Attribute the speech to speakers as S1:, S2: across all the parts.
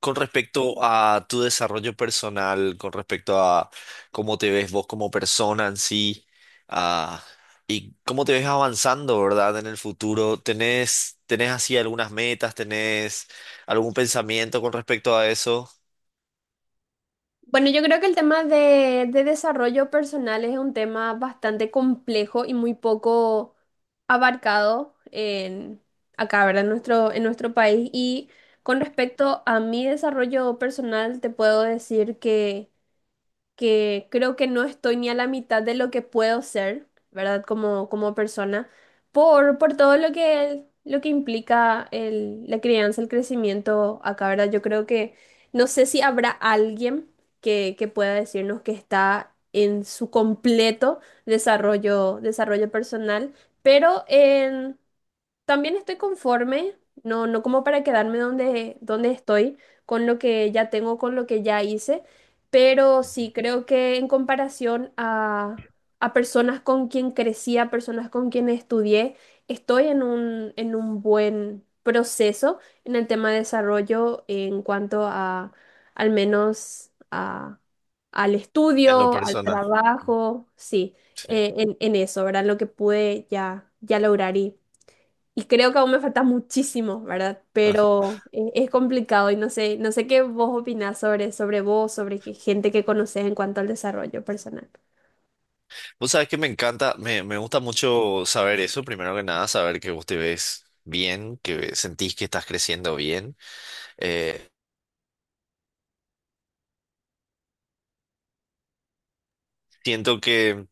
S1: Con respecto a tu desarrollo personal, con respecto a cómo te ves vos como persona en sí, ah, y cómo te ves avanzando, ¿verdad? En el futuro, ¿tenés así algunas metas, tenés algún pensamiento con respecto a eso
S2: Bueno, yo creo que el tema de desarrollo personal es un tema bastante complejo y muy poco abarcado acá, ¿verdad? En en nuestro país. Y con respecto a mi desarrollo personal, te puedo decir que creo que no estoy ni a la mitad de lo que puedo ser, ¿verdad? Como persona, por todo lo que implica la crianza, el crecimiento acá, ¿verdad? Yo creo que no sé si habrá alguien que pueda decirnos que está en su completo desarrollo personal, pero en también estoy conforme, no como para quedarme donde estoy, con lo que ya tengo, con lo que ya hice, pero sí creo que en comparación a personas con quien crecí, a personas con quien estudié, estoy en en un buen proceso en el tema de desarrollo en cuanto al menos al
S1: en lo
S2: estudio, al
S1: personal?
S2: trabajo, sí,
S1: Sí.
S2: en eso, ¿verdad? Lo que pude ya lograr y creo que aún me falta muchísimo, ¿verdad?
S1: Ajá.
S2: Pero es complicado y no sé, no sé qué vos opinás sobre vos, sobre qué gente que conoces en cuanto al desarrollo personal.
S1: Vos sabés que me encanta, me gusta mucho saber eso, primero que nada, saber que vos te ves bien, que sentís que estás creciendo bien. Eh, siento que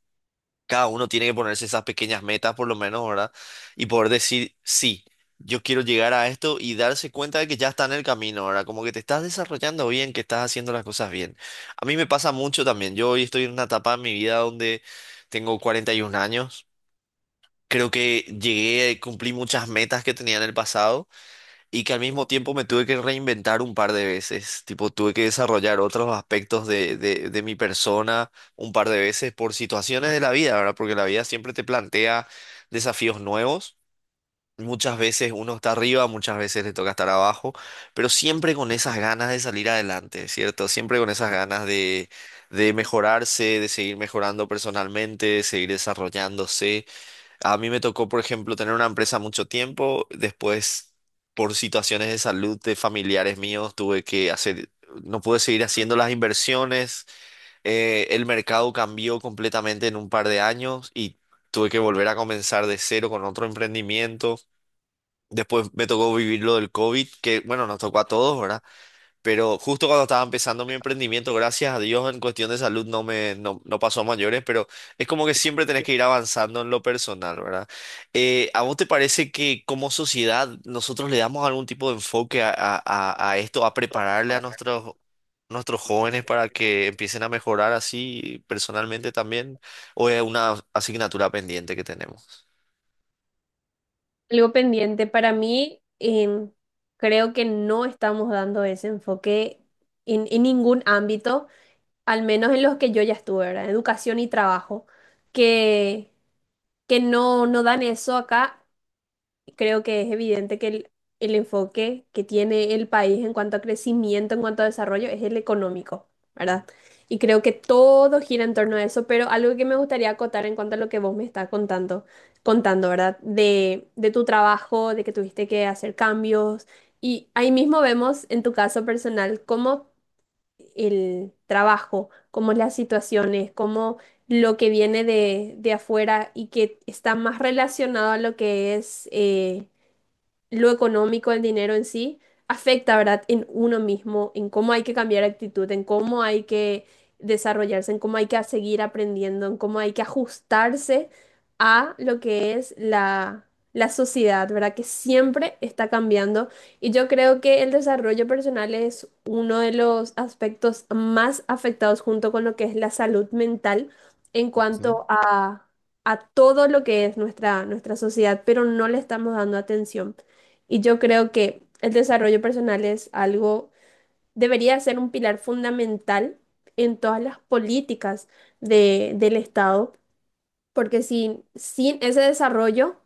S1: cada uno tiene que ponerse esas pequeñas metas por lo menos, ¿verdad? Y poder decir, sí, yo quiero llegar a esto y darse cuenta de que ya está en el camino, ¿verdad? Como que te estás desarrollando bien, que estás haciendo las cosas bien. A mí me pasa mucho también. Yo hoy estoy en una etapa de mi vida donde tengo 41 años. Creo que llegué, cumplí muchas metas que tenía en el pasado. Y que al mismo tiempo me tuve que reinventar un par de veces, tipo tuve que desarrollar otros aspectos de mi persona un par de veces por situaciones de la vida, ¿verdad? Porque la vida siempre te plantea desafíos nuevos, muchas veces uno está arriba, muchas veces le toca estar abajo, pero siempre con esas ganas de salir adelante, ¿cierto? Siempre con esas ganas de mejorarse, de seguir mejorando personalmente, de seguir desarrollándose. A mí me tocó, por ejemplo, tener una empresa mucho tiempo, después por situaciones de salud de familiares míos tuve que hacer, no pude seguir haciendo las inversiones, el mercado cambió completamente en un par de años y tuve que volver a comenzar de cero con otro emprendimiento. Después me tocó vivir lo del COVID, que bueno, nos tocó a todos, ¿verdad? Pero justo cuando estaba empezando mi emprendimiento, gracias a Dios, en cuestión de salud no me no, no pasó a mayores, pero es como que siempre tenés que ir avanzando en lo personal, ¿verdad? ¿A vos te parece que como sociedad nosotros le damos algún tipo de enfoque a esto, a prepararle a nuestros, nuestros jóvenes para que empiecen a mejorar así personalmente también? ¿O es una asignatura pendiente que tenemos?
S2: Algo pendiente para mí, creo que no estamos dando ese enfoque en ningún ámbito, al menos en los que yo ya estuve, ¿verdad? Educación y trabajo, que, que no, no dan eso acá. Creo que es evidente que el enfoque que tiene el país en cuanto a crecimiento, en cuanto a desarrollo, es el económico, ¿verdad? Y creo que todo gira en torno a eso, pero algo que me gustaría acotar en cuanto a lo que vos me estás contando, ¿verdad? De tu trabajo, de que tuviste que hacer cambios. Y ahí mismo vemos en tu caso personal cómo el trabajo, cómo las situaciones, cómo lo que viene de afuera y que está más relacionado a lo que es... lo económico, el dinero en sí, afecta, ¿verdad?, en uno mismo, en cómo hay que cambiar actitud, en cómo hay que desarrollarse, en cómo hay que seguir aprendiendo, en cómo hay que ajustarse a lo que es la sociedad, ¿verdad?, que siempre está cambiando. Y yo creo que el desarrollo personal es uno de los aspectos más afectados junto con lo que es la salud mental en
S1: Ujú.
S2: cuanto a todo lo que es nuestra sociedad, pero no le estamos dando atención. Y yo creo que el desarrollo personal es algo, debería ser un pilar fundamental en todas las políticas del Estado, porque sin ese desarrollo,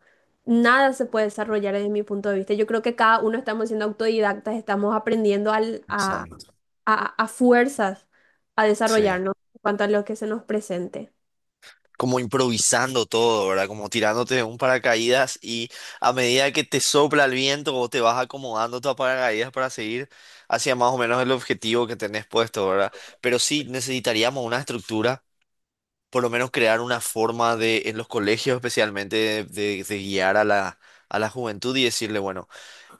S2: nada se puede desarrollar desde mi punto de vista. Yo creo que cada uno estamos siendo autodidactas, estamos aprendiendo
S1: Exacto.
S2: a fuerzas a
S1: Sí.
S2: desarrollarnos en cuanto a lo que se nos presente.
S1: Como improvisando todo, ¿verdad? Como tirándote de un paracaídas y a medida que te sopla el viento o te vas acomodando tu paracaídas para seguir hacia más o menos el objetivo que tenés puesto, ¿verdad? Pero sí necesitaríamos una estructura, por lo menos crear una forma de, en los colegios especialmente, de guiar a la juventud y decirle, bueno,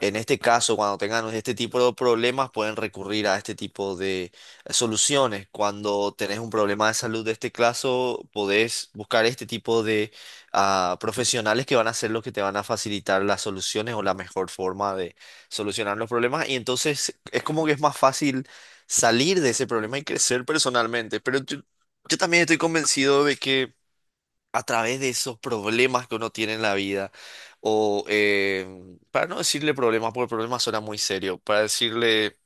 S1: en este caso, cuando tengan este tipo de problemas, pueden recurrir a este tipo de soluciones. Cuando tenés un problema de salud de este caso, podés buscar este tipo de profesionales que van a ser los que te van a facilitar las soluciones o la mejor forma de solucionar los problemas. Y entonces es como que es más fácil salir de ese problema y crecer personalmente. Yo también estoy convencido de que a través de esos problemas que uno tiene en la vida, o para no decirle problemas, porque problemas suena muy serio, para decirle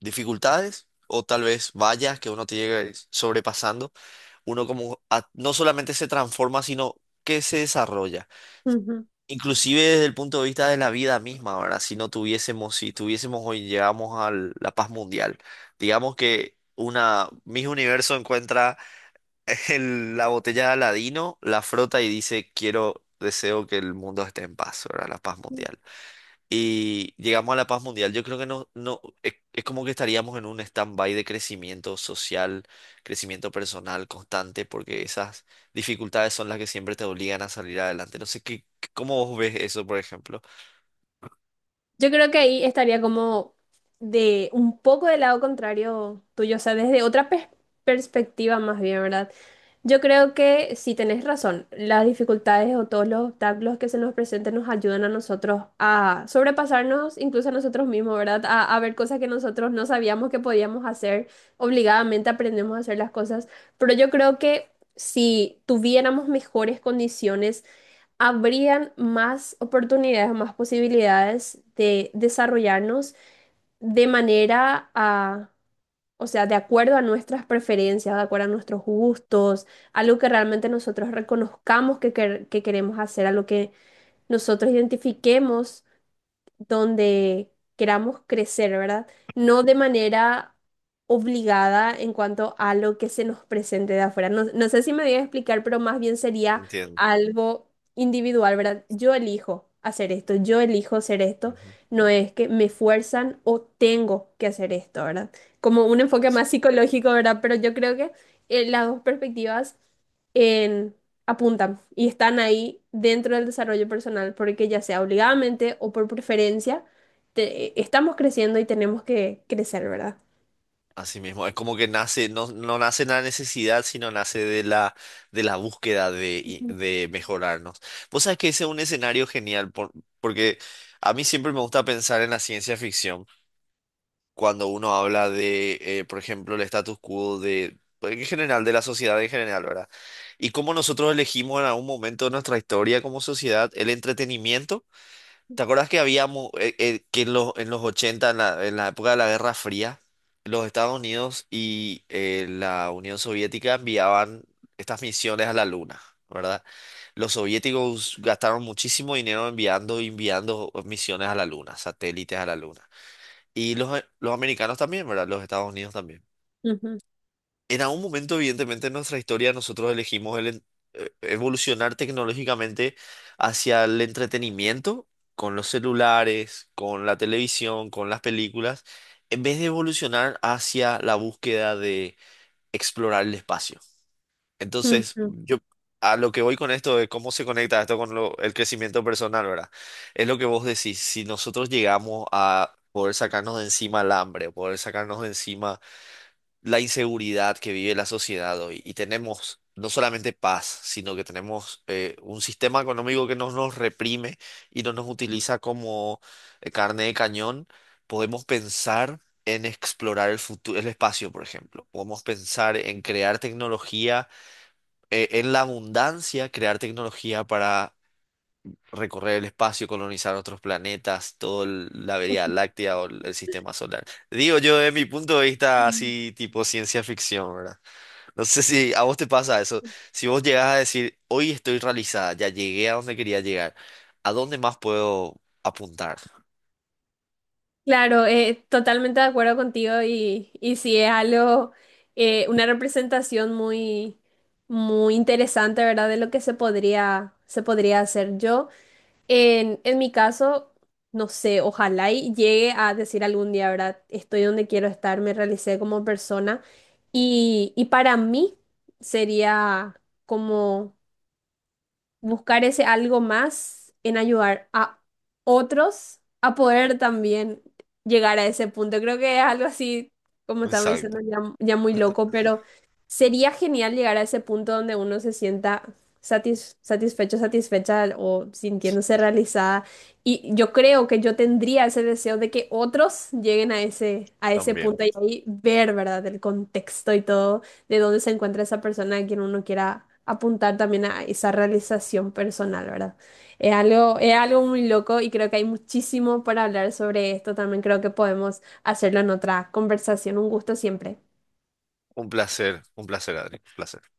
S1: dificultades o tal vez vallas que uno te llega sobrepasando, uno como no solamente se transforma, sino que se desarrolla. Inclusive desde el punto de vista de la vida misma, ¿verdad? Si tuviésemos hoy llegamos a la paz mundial, digamos que una Miss Universo encuentra la botella de Aladino, la frota y dice, quiero, deseo que el mundo esté en paz, ¿verdad? La paz
S2: Ujú.
S1: mundial. Y llegamos a la paz mundial. Yo creo que no, no, es como que estaríamos en un stand-by de crecimiento social, crecimiento personal constante, porque esas dificultades son las que siempre te obligan a salir adelante. No sé cómo vos ves eso, por ejemplo.
S2: Yo creo que ahí estaría como de un poco del lado contrario tuyo, o sea, desde otra perspectiva más bien, ¿verdad? Yo creo que sí tenés razón, las dificultades o todos los obstáculos que se nos presenten nos ayudan a nosotros a sobrepasarnos, incluso a nosotros mismos, ¿verdad? A ver cosas que nosotros no sabíamos que podíamos hacer, obligadamente aprendemos a hacer las cosas, pero yo creo que si tuviéramos mejores condiciones, habrían más oportunidades, más posibilidades de desarrollarnos de manera o sea, de acuerdo a nuestras preferencias, de acuerdo a nuestros gustos, a lo que realmente nosotros reconozcamos que queremos hacer, a lo que nosotros identifiquemos donde queramos crecer, ¿verdad? No de manera obligada en cuanto a lo que se nos presente de afuera. No, no sé si me voy a explicar, pero más bien sería
S1: Entiendo.
S2: algo individual, ¿verdad? Yo elijo hacer esto, yo elijo hacer esto,
S1: Ujú.
S2: no es que me fuerzan o tengo que hacer esto, ¿verdad? Como un enfoque más psicológico, ¿verdad? Pero yo creo que las dos perspectivas en apuntan y están ahí dentro del desarrollo personal, porque ya sea obligadamente o por preferencia, estamos creciendo y tenemos que crecer, ¿verdad?
S1: Así mismo, es como que nace, no, no nace en la necesidad, sino nace de la búsqueda de mejorarnos. Vos sabés que ese es un escenario genial, porque a mí siempre me gusta pensar en la ciencia ficción, cuando uno habla de, por ejemplo, el status quo de, pues, en general, de la sociedad en general, ¿verdad? Y cómo nosotros elegimos en algún momento de nuestra historia como sociedad el entretenimiento. ¿Te acuerdas que habíamos, que en los 80 en la época de la Guerra Fría, los Estados Unidos y la Unión Soviética enviaban estas misiones a la Luna, ¿verdad? Los soviéticos gastaron muchísimo dinero enviando misiones a la Luna, satélites a la Luna. Y los americanos también, ¿verdad? Los Estados Unidos también.
S2: Ujú,
S1: En algún momento, evidentemente, en nuestra historia nosotros elegimos evolucionar tecnológicamente hacia el entretenimiento con los celulares, con la televisión, con las películas, en vez de evolucionar hacia la búsqueda de explorar el espacio. Entonces,
S2: ujú,
S1: yo a lo que voy con esto de cómo se conecta esto con el crecimiento personal, ¿verdad? Es lo que vos decís, si nosotros llegamos a poder sacarnos de encima el hambre, poder sacarnos de encima la inseguridad que vive la sociedad hoy y tenemos no solamente paz, sino que tenemos un sistema económico que no nos reprime y no nos utiliza como carne de cañón, podemos pensar en explorar el futuro, el espacio, por ejemplo. Podemos pensar en crear tecnología, en la abundancia, crear tecnología para recorrer el espacio, colonizar otros planetas, toda la Vía Láctea o el sistema solar. Digo yo, de mi punto de vista,
S2: ujú.
S1: así tipo ciencia ficción, ¿verdad? No sé si a vos te pasa eso. Si vos llegás a decir, hoy estoy realizada, ya llegué a donde quería llegar, ¿a dónde más puedo apuntar?
S2: Claro, totalmente de acuerdo contigo y sí es algo, una representación muy interesante, ¿verdad? De lo que se se podría hacer. Yo en mi caso, no sé, ojalá y llegue a decir algún día, ¿verdad? Estoy donde quiero estar, me realicé como persona y para mí sería como buscar ese algo más en ayudar a otros a poder también llegar a ese punto. Creo que es algo así, como estamos diciendo,
S1: Exacto,
S2: ya muy loco, pero sería genial llegar a ese punto donde uno se sienta satisfecho, satisfecha o sintiéndose realizada. Y yo creo que yo tendría ese deseo de que otros lleguen a a ese
S1: también.
S2: punto y ahí ver, ¿verdad?, el contexto y todo de dónde se encuentra esa persona a quien uno quiera apuntar también a esa realización personal, ¿verdad? Es algo muy loco y creo que hay muchísimo para hablar sobre esto. También creo que podemos hacerlo en otra conversación. Un gusto siempre.
S1: Un placer, Adri, un placer.